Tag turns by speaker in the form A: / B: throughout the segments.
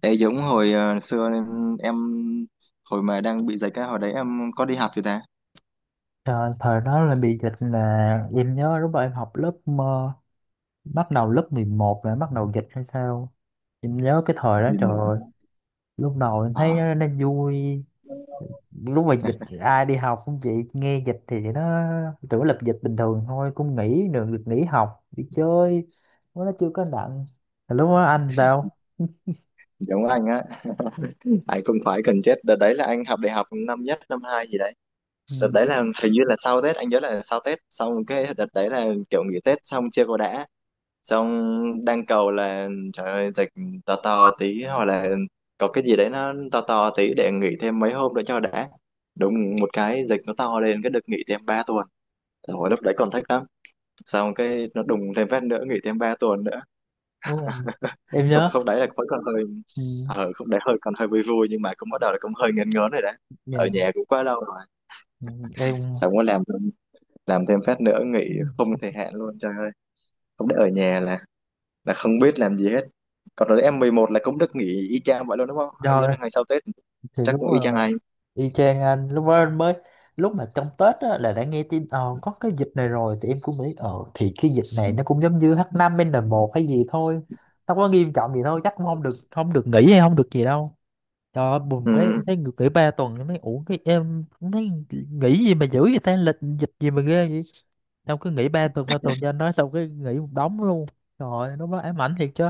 A: Ê giống hồi xưa em hồi mà đang bị dịch á, hồi đấy em có đi học chưa ta?
B: Trời, thời đó là bị dịch là em nhớ lúc đó em học lớp bắt đầu lớp 11 là bắt đầu dịch hay sao. Em nhớ cái thời đó
A: Đi
B: trời
A: ngủ.
B: ơi lúc đầu em thấy
A: Ờ,
B: nó vui lúc mà dịch ai đi học cũng vậy nghe dịch thì nó tưởng lập dịch bình thường thôi cũng nghỉ được được nghỉ học đi chơi nó chưa có nặng. Mà lúc đó anh sao?
A: giống anh á, anh cũng khoái cần chết. Đợt đấy là anh học đại học năm nhất, năm hai gì đấy. Đợt
B: Ừ,
A: đấy là hình như là sau Tết, anh nhớ là sau Tết. Xong cái đợt đấy là kiểu nghỉ Tết xong chưa có đã. Xong đang cầu là trời ơi dịch to to tí hoặc là có cái gì đấy nó to to tí để nghỉ thêm mấy hôm nữa cho đã. Đúng một cái dịch nó to lên cái được nghỉ thêm 3 tuần. Hồi lúc đấy còn thích lắm. Xong cái nó đùng thêm phát nữa, nghỉ thêm 3 tuần nữa.
B: đúng rồi em
A: Không
B: nhớ.
A: không, đấy là vẫn còn hơi,
B: Ừ,
A: không đấy hơi còn hơi vui vui nhưng mà cũng bắt đầu là cũng hơi ngấn ngớn rồi đấy. Ở
B: dạ,
A: nhà cũng quá lâu rồi.
B: ừ, em
A: Xong có làm thêm phát nữa nghỉ
B: ừ,
A: không thời hạn luôn, trời ơi. Không, để ở nhà là không biết làm gì hết. Còn rồi em 11 là cũng được nghỉ y chang vậy luôn đúng không, anh nhớ
B: rồi
A: là ngày sau Tết.
B: thì
A: Chắc
B: đúng
A: cũng y chang
B: rồi.
A: anh.
B: Y chang anh lúc mới mới lúc mà trong Tết á, là đã nghe tin có cái dịch này rồi thì em cũng nghĩ ờ thì cái dịch này nó cũng giống như H5N1 hay gì thôi. Nó có nghiêm trọng gì thôi chắc cũng không được nghỉ hay không được gì đâu. Trời ơi bùm cái em
A: Ừ.
B: thấy nghỉ 3 tuần em thấy ủa cái em cũng thấy nghỉ gì mà dữ vậy ta lịch dịch gì mà ghê vậy. Xong cứ nghỉ ba tuần cho anh nói xong cái nghỉ một đống luôn. Trời ơi, nó mới ám ảnh thiệt chứ.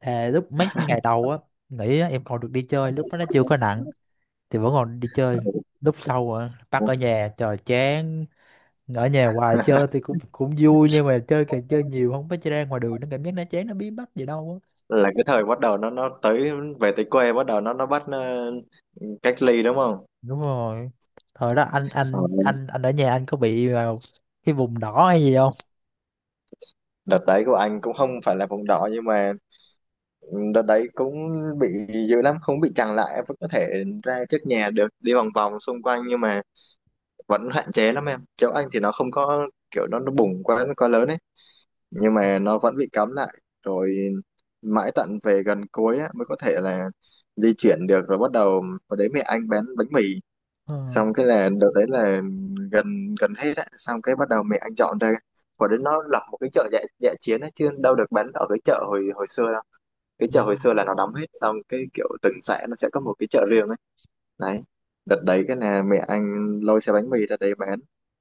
B: Thề lúc mấy ngày đầu á nghỉ á, em còn được đi chơi lúc đó nó chưa có nặng thì vẫn còn đi chơi. Lúc sau rồi bắt ở nhà trời chán. Ở nhà hoài chơi thì cũng cũng vui nhưng mà chơi càng chơi nhiều không phải chơi ra ngoài đường nó cảm giác nó chán nó bí bách gì đâu á.
A: Là cái thời bắt đầu nó tới, về tới quê bắt đầu nó bắt cách ly đúng không?
B: Đúng rồi thời đó anh
A: Ờ,
B: anh anh anh ở nhà anh có bị vào cái vùng đỏ hay gì không?
A: đợt đấy của anh cũng không phải là vùng đỏ nhưng mà đợt đấy cũng bị dữ lắm. Không bị chằng lại em vẫn có thể ra trước nhà được, đi vòng vòng xung quanh nhưng mà vẫn hạn chế lắm. Em châu Anh thì nó không có, kiểu nó bùng quá, nó quá lớn ấy, nhưng mà nó vẫn bị cấm lại. Rồi mãi tận về gần cuối á, mới có thể là di chuyển được. Rồi bắt đầu vào đấy mẹ anh bán bánh mì.
B: Ờ,
A: Xong cái là đợt đấy là gần gần hết á, xong cái bắt đầu mẹ anh dọn ra. Và đấy, nó lập một cái chợ dã dã chiến á chứ đâu được bán ở cái chợ hồi hồi xưa. Cái chợ
B: dạ
A: hồi
B: đúng,
A: xưa là nó đóng hết, xong cái kiểu từng xã nó sẽ có một cái chợ riêng ấy. Đấy, đợt đấy cái nè mẹ anh lôi xe bánh mì ra đây bán,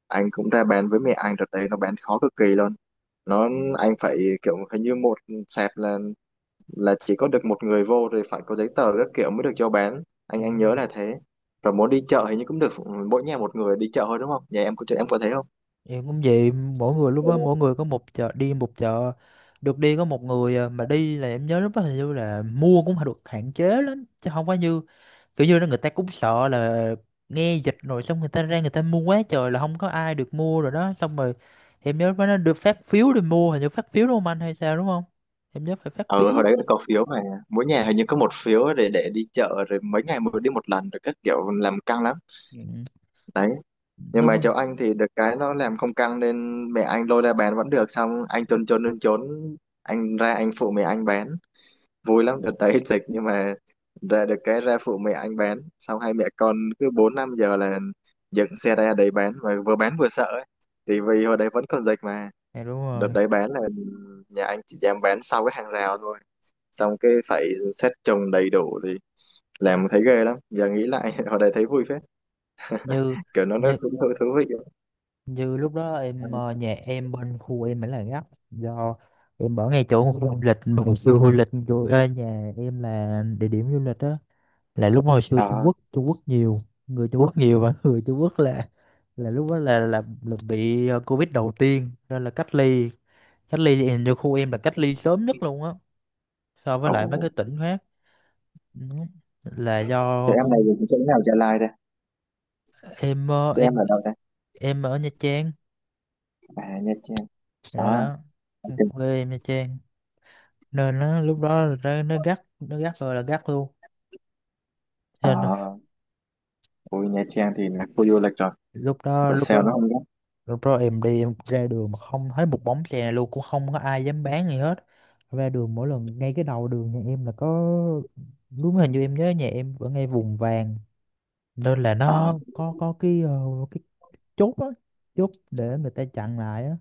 A: anh cũng ra bán với mẹ anh. Đợt đấy nó bán khó cực kỳ luôn. nó anh phải, kiểu hình như một sạp là chỉ có được một người vô, rồi phải có giấy tờ các kiểu mới được cho bán,
B: dạ
A: anh
B: đúng
A: nhớ
B: rồi
A: là thế. Rồi muốn đi chợ hình như cũng được mỗi nhà một người đi chợ thôi đúng không, nhà em có thế không?
B: em cũng vậy mỗi người lúc đó
A: Ừ.
B: mỗi người có một chợ đi một chợ được đi có một người à, mà đi là em nhớ lúc đó hình như là mua cũng phải được hạn chế lắm chứ không có như kiểu như là người ta cũng sợ là nghe dịch rồi xong người ta ra người ta mua quá trời là không có ai được mua rồi đó xong rồi em nhớ nó được phát phiếu để mua hình như phát phiếu đúng không anh hay sao đúng không em nhớ phải phát
A: ờ
B: phiếu.
A: Hồi đấy có phiếu mà, mỗi nhà hình như có một phiếu để đi chợ, rồi mấy ngày mới đi một lần, rồi các kiểu làm căng lắm.
B: Ừ. Ừ,
A: Đấy, nhưng
B: đúng
A: mà
B: không
A: cháu anh thì được cái nó làm không căng nên mẹ anh lôi ra bán vẫn được. Xong anh trốn trốn trốn trốn, anh ra anh phụ mẹ anh bán, vui lắm. Đợt đấy dịch nhưng mà ra được, cái ra phụ mẹ anh bán, xong hai mẹ con cứ 4-5 giờ là dựng xe ra đấy bán mà vừa bán vừa sợ ấy. Thì vì hồi đấy vẫn còn dịch mà.
B: dạ đúng
A: Đợt
B: rồi.
A: đấy bán là nhà anh chỉ dám bán sau cái hàng rào thôi, xong cái phải xét trồng đầy đủ thì làm, thấy ghê lắm. Giờ nghĩ lại hồi đấy thấy vui phết,
B: như
A: kiểu nó
B: như
A: cũng thú thú vị.
B: như lúc đó em nhà em bên khu em mới là gấp do em ở ngay chỗ khu du lịch mà hồi xưa du lịch chỗ nhà em là địa điểm du lịch đó. Là lúc hồi xưa Trung
A: À,
B: Quốc Trung Quốc nhiều người Trung Quốc nhiều và người Trung Quốc là lúc đó là bị Covid đầu tiên nên là cách ly. Cách ly thì hình như khu em là cách ly sớm nhất luôn á so với
A: ồ,
B: lại mấy cái tỉnh khác. Ừ. Là do
A: tụi em này
B: cũng
A: thì chỗ nào, Gia Lai đây?
B: em
A: Tụi em
B: em
A: ở đâu đây?
B: em ở Nha Trang
A: À, Nha Trang.
B: là
A: Đó,
B: đó
A: ok.
B: quê em Nha Trang nên nó lúc đó nó gắt nó gắt rồi là gắt luôn. Cho nên là
A: À, ui Nha Trang thì là khu du lịch rồi,
B: lúc đó
A: và
B: lúc
A: sao nó
B: đó
A: không đó?
B: Rồi bro em đi em ra đường mà không thấy một bóng xe luôn cũng không có ai dám bán gì hết. Ra đường mỗi lần ngay cái đầu đường nhà em là có đúng hình như em nhớ nhà em ở ngay vùng vàng nên là
A: À,
B: nó có cái cái chốt á chốt để người ta chặn lại á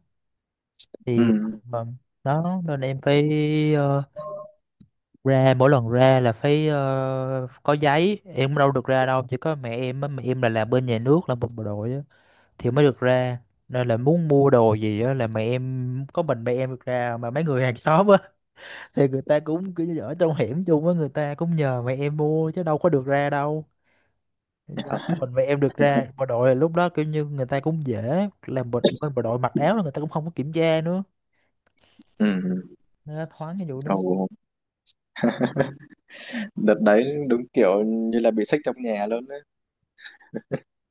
A: ừ,
B: thì ờ, đó nên em phải ờ, ra mỗi lần ra là phải có giấy em đâu được ra đâu chỉ có mẹ em á mẹ em là làm bên nhà nước là một bộ đội á thì mới được ra. Nên là muốn mua đồ gì á là mẹ em có mình mẹ em được ra mà mấy người hàng xóm á thì người ta cũng kiểu như ở trong hẻm chung á người ta cũng nhờ mẹ em mua chứ đâu có được ra đâu. Do có mình mẹ em được ra bộ đội là lúc đó kiểu như người ta cũng dễ làm bộ, bên bộ đội mặc áo là người ta cũng không có kiểm tra nữa
A: ừ, ừ.
B: nên nó thoáng cái vụ đó.
A: Ồ, đợt đấy đúng kiểu như là bị xách trong nhà luôn đấy.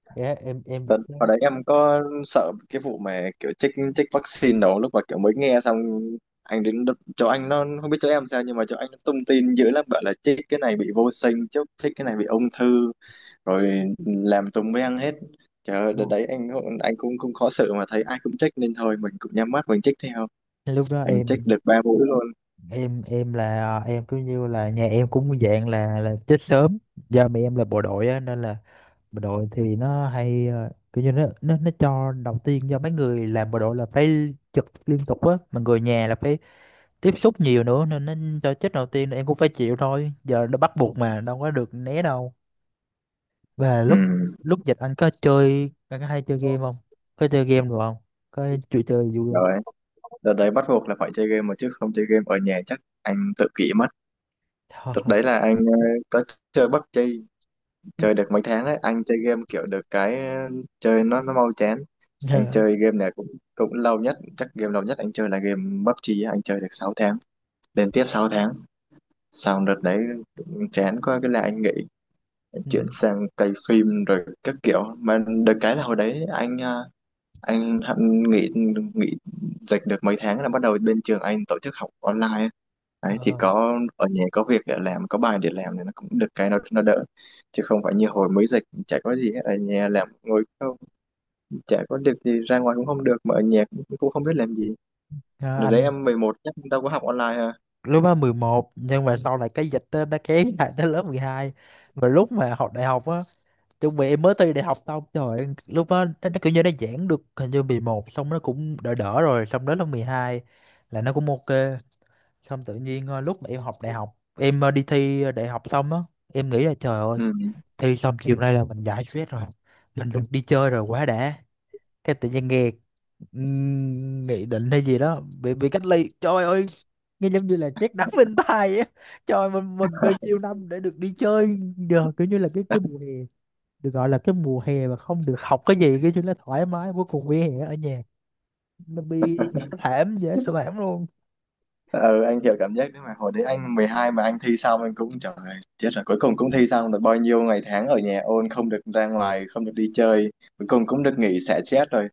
B: Dạ em được
A: Đợt
B: ra
A: ở đấy em có sợ cái vụ mà kiểu chích chích vaccine đâu, lúc mà kiểu mới nghe xong anh đến chỗ anh, nó không biết chỗ em sao nhưng mà chỗ anh nó tung tin dữ lắm, bảo là chích cái này bị vô sinh chứ chích cái này bị ung thư, rồi làm tùm mới ăn hết. Trời ơi, đợt
B: luôn
A: đấy anh cũng cũng khó xử, mà thấy ai cũng check nên thôi mình cũng nhắm mắt mình check theo.
B: lúc đó
A: Anh check
B: em
A: được 3 mũi luôn.
B: em là em cứ như là nhà em cũng dạng là chết sớm do mẹ em là bộ đội á nên là bộ đội thì nó hay kiểu như nó cho đầu tiên do mấy người làm bộ đội là phải trực liên tục á mà người nhà là phải tiếp xúc nhiều nữa nên nó cho chết đầu tiên em cũng phải chịu thôi giờ nó bắt buộc mà đâu có được né đâu. Và lúc
A: Ừ,
B: lúc dịch anh có chơi anh có hay chơi game không có chơi game được không có chuyện chơi vui không?
A: rồi đợt đấy bắt buộc là phải chơi game mà, chứ không chơi game ở nhà chắc anh tự kỷ mất. Đợt
B: Ờ.
A: đấy là anh có chơi PUBG.
B: Ừ.
A: Chơi được mấy tháng đấy, anh chơi game kiểu được cái chơi nó mau chán. Anh
B: Dạ.
A: chơi game này cũng cũng lâu nhất, chắc game lâu nhất anh chơi là game PUBG á, anh chơi được 6 tháng, liên tiếp 6 tháng. Xong đợt đấy chán quá cái là anh nghỉ,
B: Ừ.
A: chuyển sang cày phim rồi các kiểu. Mà được cái là hồi đấy anh anh hận nghỉ nghỉ dịch được mấy tháng là bắt đầu bên trường anh tổ chức học online. Đấy thì
B: Ờ,
A: có ở nhà có việc để làm, có bài để làm thì nó cũng được cái nó đỡ, chứ không phải như hồi mới dịch chả có gì hết, ở nhà làm ngồi không chả có được gì, ra ngoài cũng không được mà ở nhà cũng không biết làm gì.
B: ờ,
A: Rồi đấy
B: anh
A: em 11 chắc đâu có học online ha.
B: lúc đó 11 nhưng mà sau này cái dịch đó, nó kéo lại tới lớp 12. Và lúc mà học đại học á chuẩn bị em mới thi đại học xong trời ơi, lúc đó nó kiểu như nó giãn được hình như 11 xong nó cũng đỡ đỡ rồi xong đến lớp hai là nó cũng ok. Xong tự nhiên lúc mà em học đại học em đi thi đại học xong á em nghĩ là trời ơi
A: Ừ,
B: thi xong chiều nay là mình giải stress rồi mình được đi chơi rồi quá đã. Cái tự nhiên nghe nghị định hay gì đó bị cách ly trời ơi nghe giống như là chết đắng bên tai á trời mình bao nhiêu năm để được đi chơi giờ kiểu như là cái mùa hè được gọi là cái mùa hè mà không được học cái gì cái chứ nó thoải mái cuối cùng vỉa hè ở nhà nó bị nó thảm dễ sợ thảm luôn.
A: ừ, anh hiểu cảm giác đấy mà hồi đấy anh 12 mà anh thi xong anh cũng trời ơi, chết rồi, cuối cùng cũng thi xong được, bao nhiêu ngày tháng ở nhà ôn không được ra ngoài, không được đi chơi, cuối cùng cũng được nghỉ xả stress rồi.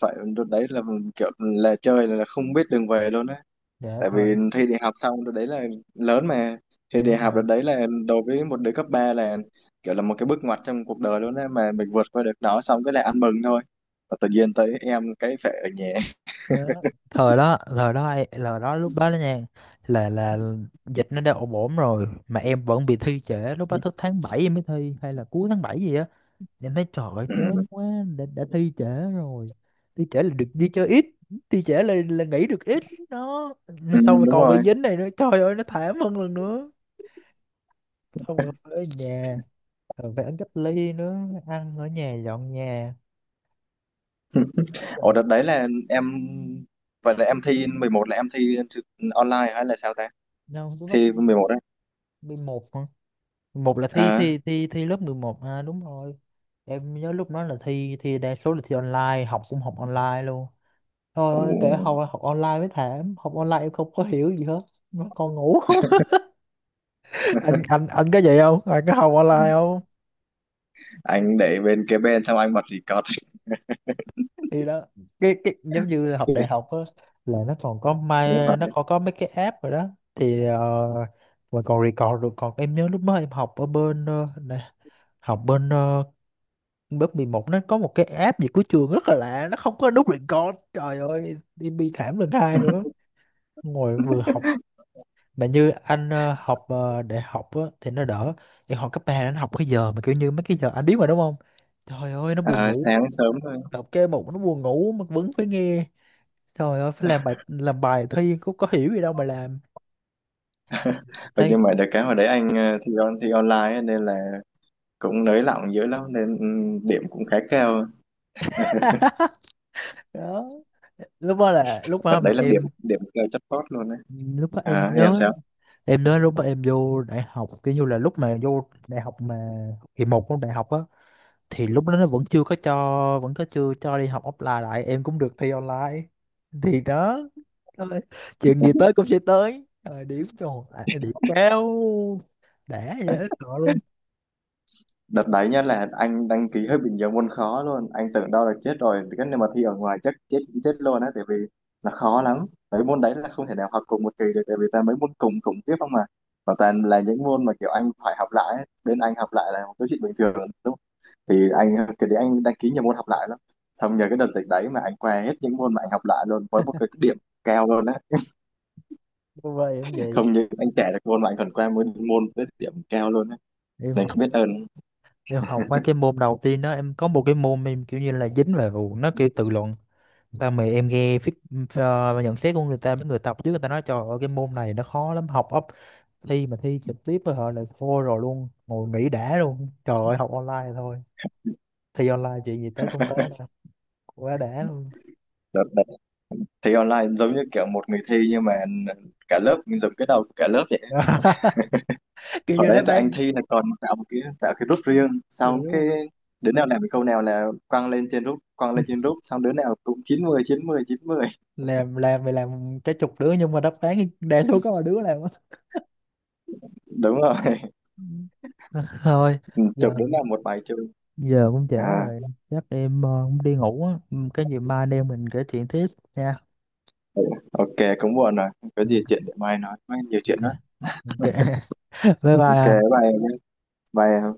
A: Phải, đợt đấy là kiểu là chơi là không biết đường về luôn á,
B: Dạ
A: tại
B: thôi
A: vì thi đại học xong đợt đấy là lớn mà. Thi
B: dạ đúng
A: đại học
B: rồi
A: đợt đấy là đối với một đứa cấp 3 là kiểu là một cái bước ngoặt trong cuộc đời luôn á, mà mình vượt qua được nó xong cái là ăn mừng thôi. Và tự nhiên tới em cái phải ở nhà.
B: đó. Thời đó là đó lúc đó đó nha là dịch nó đã ổn ổn rồi mà em vẫn bị thi trễ lúc đó thức tháng 7 em mới thi hay là cuối tháng 7 gì á em thấy trời ơi, chán
A: Ừ.
B: quá. Đã thi trễ rồi thi trễ là được đi chơi ít thi trễ là nghỉ được ít đó
A: Ừ,
B: xong rồi
A: đúng
B: còn bị
A: rồi.
B: dính này nữa trời ơi nó thảm hơn lần nữa xong rồi ở nhà rồi phải ở cách ly nữa ăn ở nhà dọn nhà.
A: Ủa
B: Trời,
A: đợt đấy là em, vậy là em thi 11 là em thi online hay là sao ta?
B: đâu tôi bắt
A: Thi 11 đấy.
B: 11 hả một là thi
A: À,
B: thi thi thi lớp 11 à đúng rồi em nhớ lúc đó là thi thi đa số là thi online học cũng học online luôn. Thôi ơi, kể học
A: ồ,
B: học online mới thảm học online em không có hiểu gì hết nó còn ngủ. anh anh anh có vậy không anh có học online không
A: anh để bên kế bên xong anh bật record.
B: thì đó cái giống như học đại học á là nó còn có
A: Đúng
B: mai nó
A: rồi.
B: còn có mấy cái app rồi đó thì mà còn record được còn em nhớ lúc đó em học ở bên nè, học bên lớp 11 nó có một cái app gì của trường rất là lạ nó không có nút record trời ơi em bi thảm lần hai nữa ngồi vừa học mà như anh học đại học á, thì nó đỡ em học cấp ba anh học cái giờ mà kiểu như mấy cái giờ anh biết mà đúng không trời ơi nó buồn
A: À,
B: ngủ.
A: sáng sớm thôi.
B: Đọc cái một nó buồn ngủ mà vẫn phải nghe. Trời ơi, phải làm bài thôi nhưng cũng có hiểu gì đâu mà làm. Em
A: Ừ,
B: thấy
A: nhưng mà được cái hồi đấy anh thi online ấy, nên là cũng nới lỏng dữ lắm nên điểm cũng khá cao.
B: đó. Lúc đó là lúc
A: Đợt
B: đó mà
A: đấy là điểm
B: em
A: điểm cao chót vót luôn đấy.
B: lúc đó
A: À, em sao?
B: em nhớ lúc mà em vô đại học kiểu như là lúc mà vô đại học mà kỳ một của đại học á thì lúc đó nó vẫn chưa có cho vẫn có chưa cho đi học offline lại em cũng được thi online thì đó thôi, chuyện gì tới cũng sẽ tới. Ờ, điểm rồi à, điểm cao đã vậy đó sợ luôn.
A: Đợt đấy nhá là anh đăng ký hơi bị nhiều môn khó luôn, anh tưởng đâu là chết rồi, cái nếu mà thi ở ngoài chắc chết cũng chết luôn á tại vì là khó lắm. Mấy môn đấy là không thể nào học cùng một kỳ được tại vì toàn mấy môn cùng cùng tiếp không mà, và toàn là những môn mà kiểu anh phải học lại ấy. Bên anh học lại là một cái chuyện bình thường đúng không? Thì anh cái đấy anh đăng ký nhiều môn học lại lắm, xong nhờ cái đợt dịch đấy mà anh qua hết những môn mà anh học lại luôn với một cái điểm cao luôn á.
B: Cô em vậy
A: Không như anh trẻ được môn mà anh còn qua môn môn với điểm cao luôn á,
B: em
A: nên
B: học
A: không biết ơn
B: em học mấy cái môn đầu tiên đó em có một cái môn em kiểu như là dính về vụ nó kiểu tự luận sao mà em nghe nhận xét của người ta mấy người tập trước người ta nói trời ơi cái môn này nó khó lắm học ấp thi mà thi trực tiếp với họ là thôi rồi luôn ngồi nghỉ đã luôn trời ơi học online thôi. Thi online chuyện gì tới cũng tới mà. Quá đã luôn.
A: đợt. Thi online giống như kiểu một người thi nhưng mà cả lớp mình dùng cái đầu của cả lớp vậy.
B: Kiểu
A: Hồi
B: như
A: đấy
B: đáp
A: tụi anh
B: án
A: thi là còn tạo một cái tạo cái group riêng,
B: dạ
A: xong
B: đúng
A: cái
B: rồi.
A: đứa nào làm cái câu nào là quăng lên trên group quăng lên trên group xong đứa nào cũng chín 90 90 90.
B: Làm thì làm cái chục đứa nhưng mà đáp án đa số có một đứa làm á.
A: Đúng rồi.
B: thôi giờ
A: Chụp đứa nào một bài chung.
B: giờ cũng trễ
A: À
B: rồi chắc em cũng đi ngủ á. Ừ, cái gì mai anh em mình kể chuyện tiếp nha.
A: ừ, ok cũng buồn rồi. Không có gì chuyện để mai nói, mai nhiều chuyện đó.
B: Ok, ok. Bye
A: Ok,
B: bye.
A: bye em nhé. Bye em.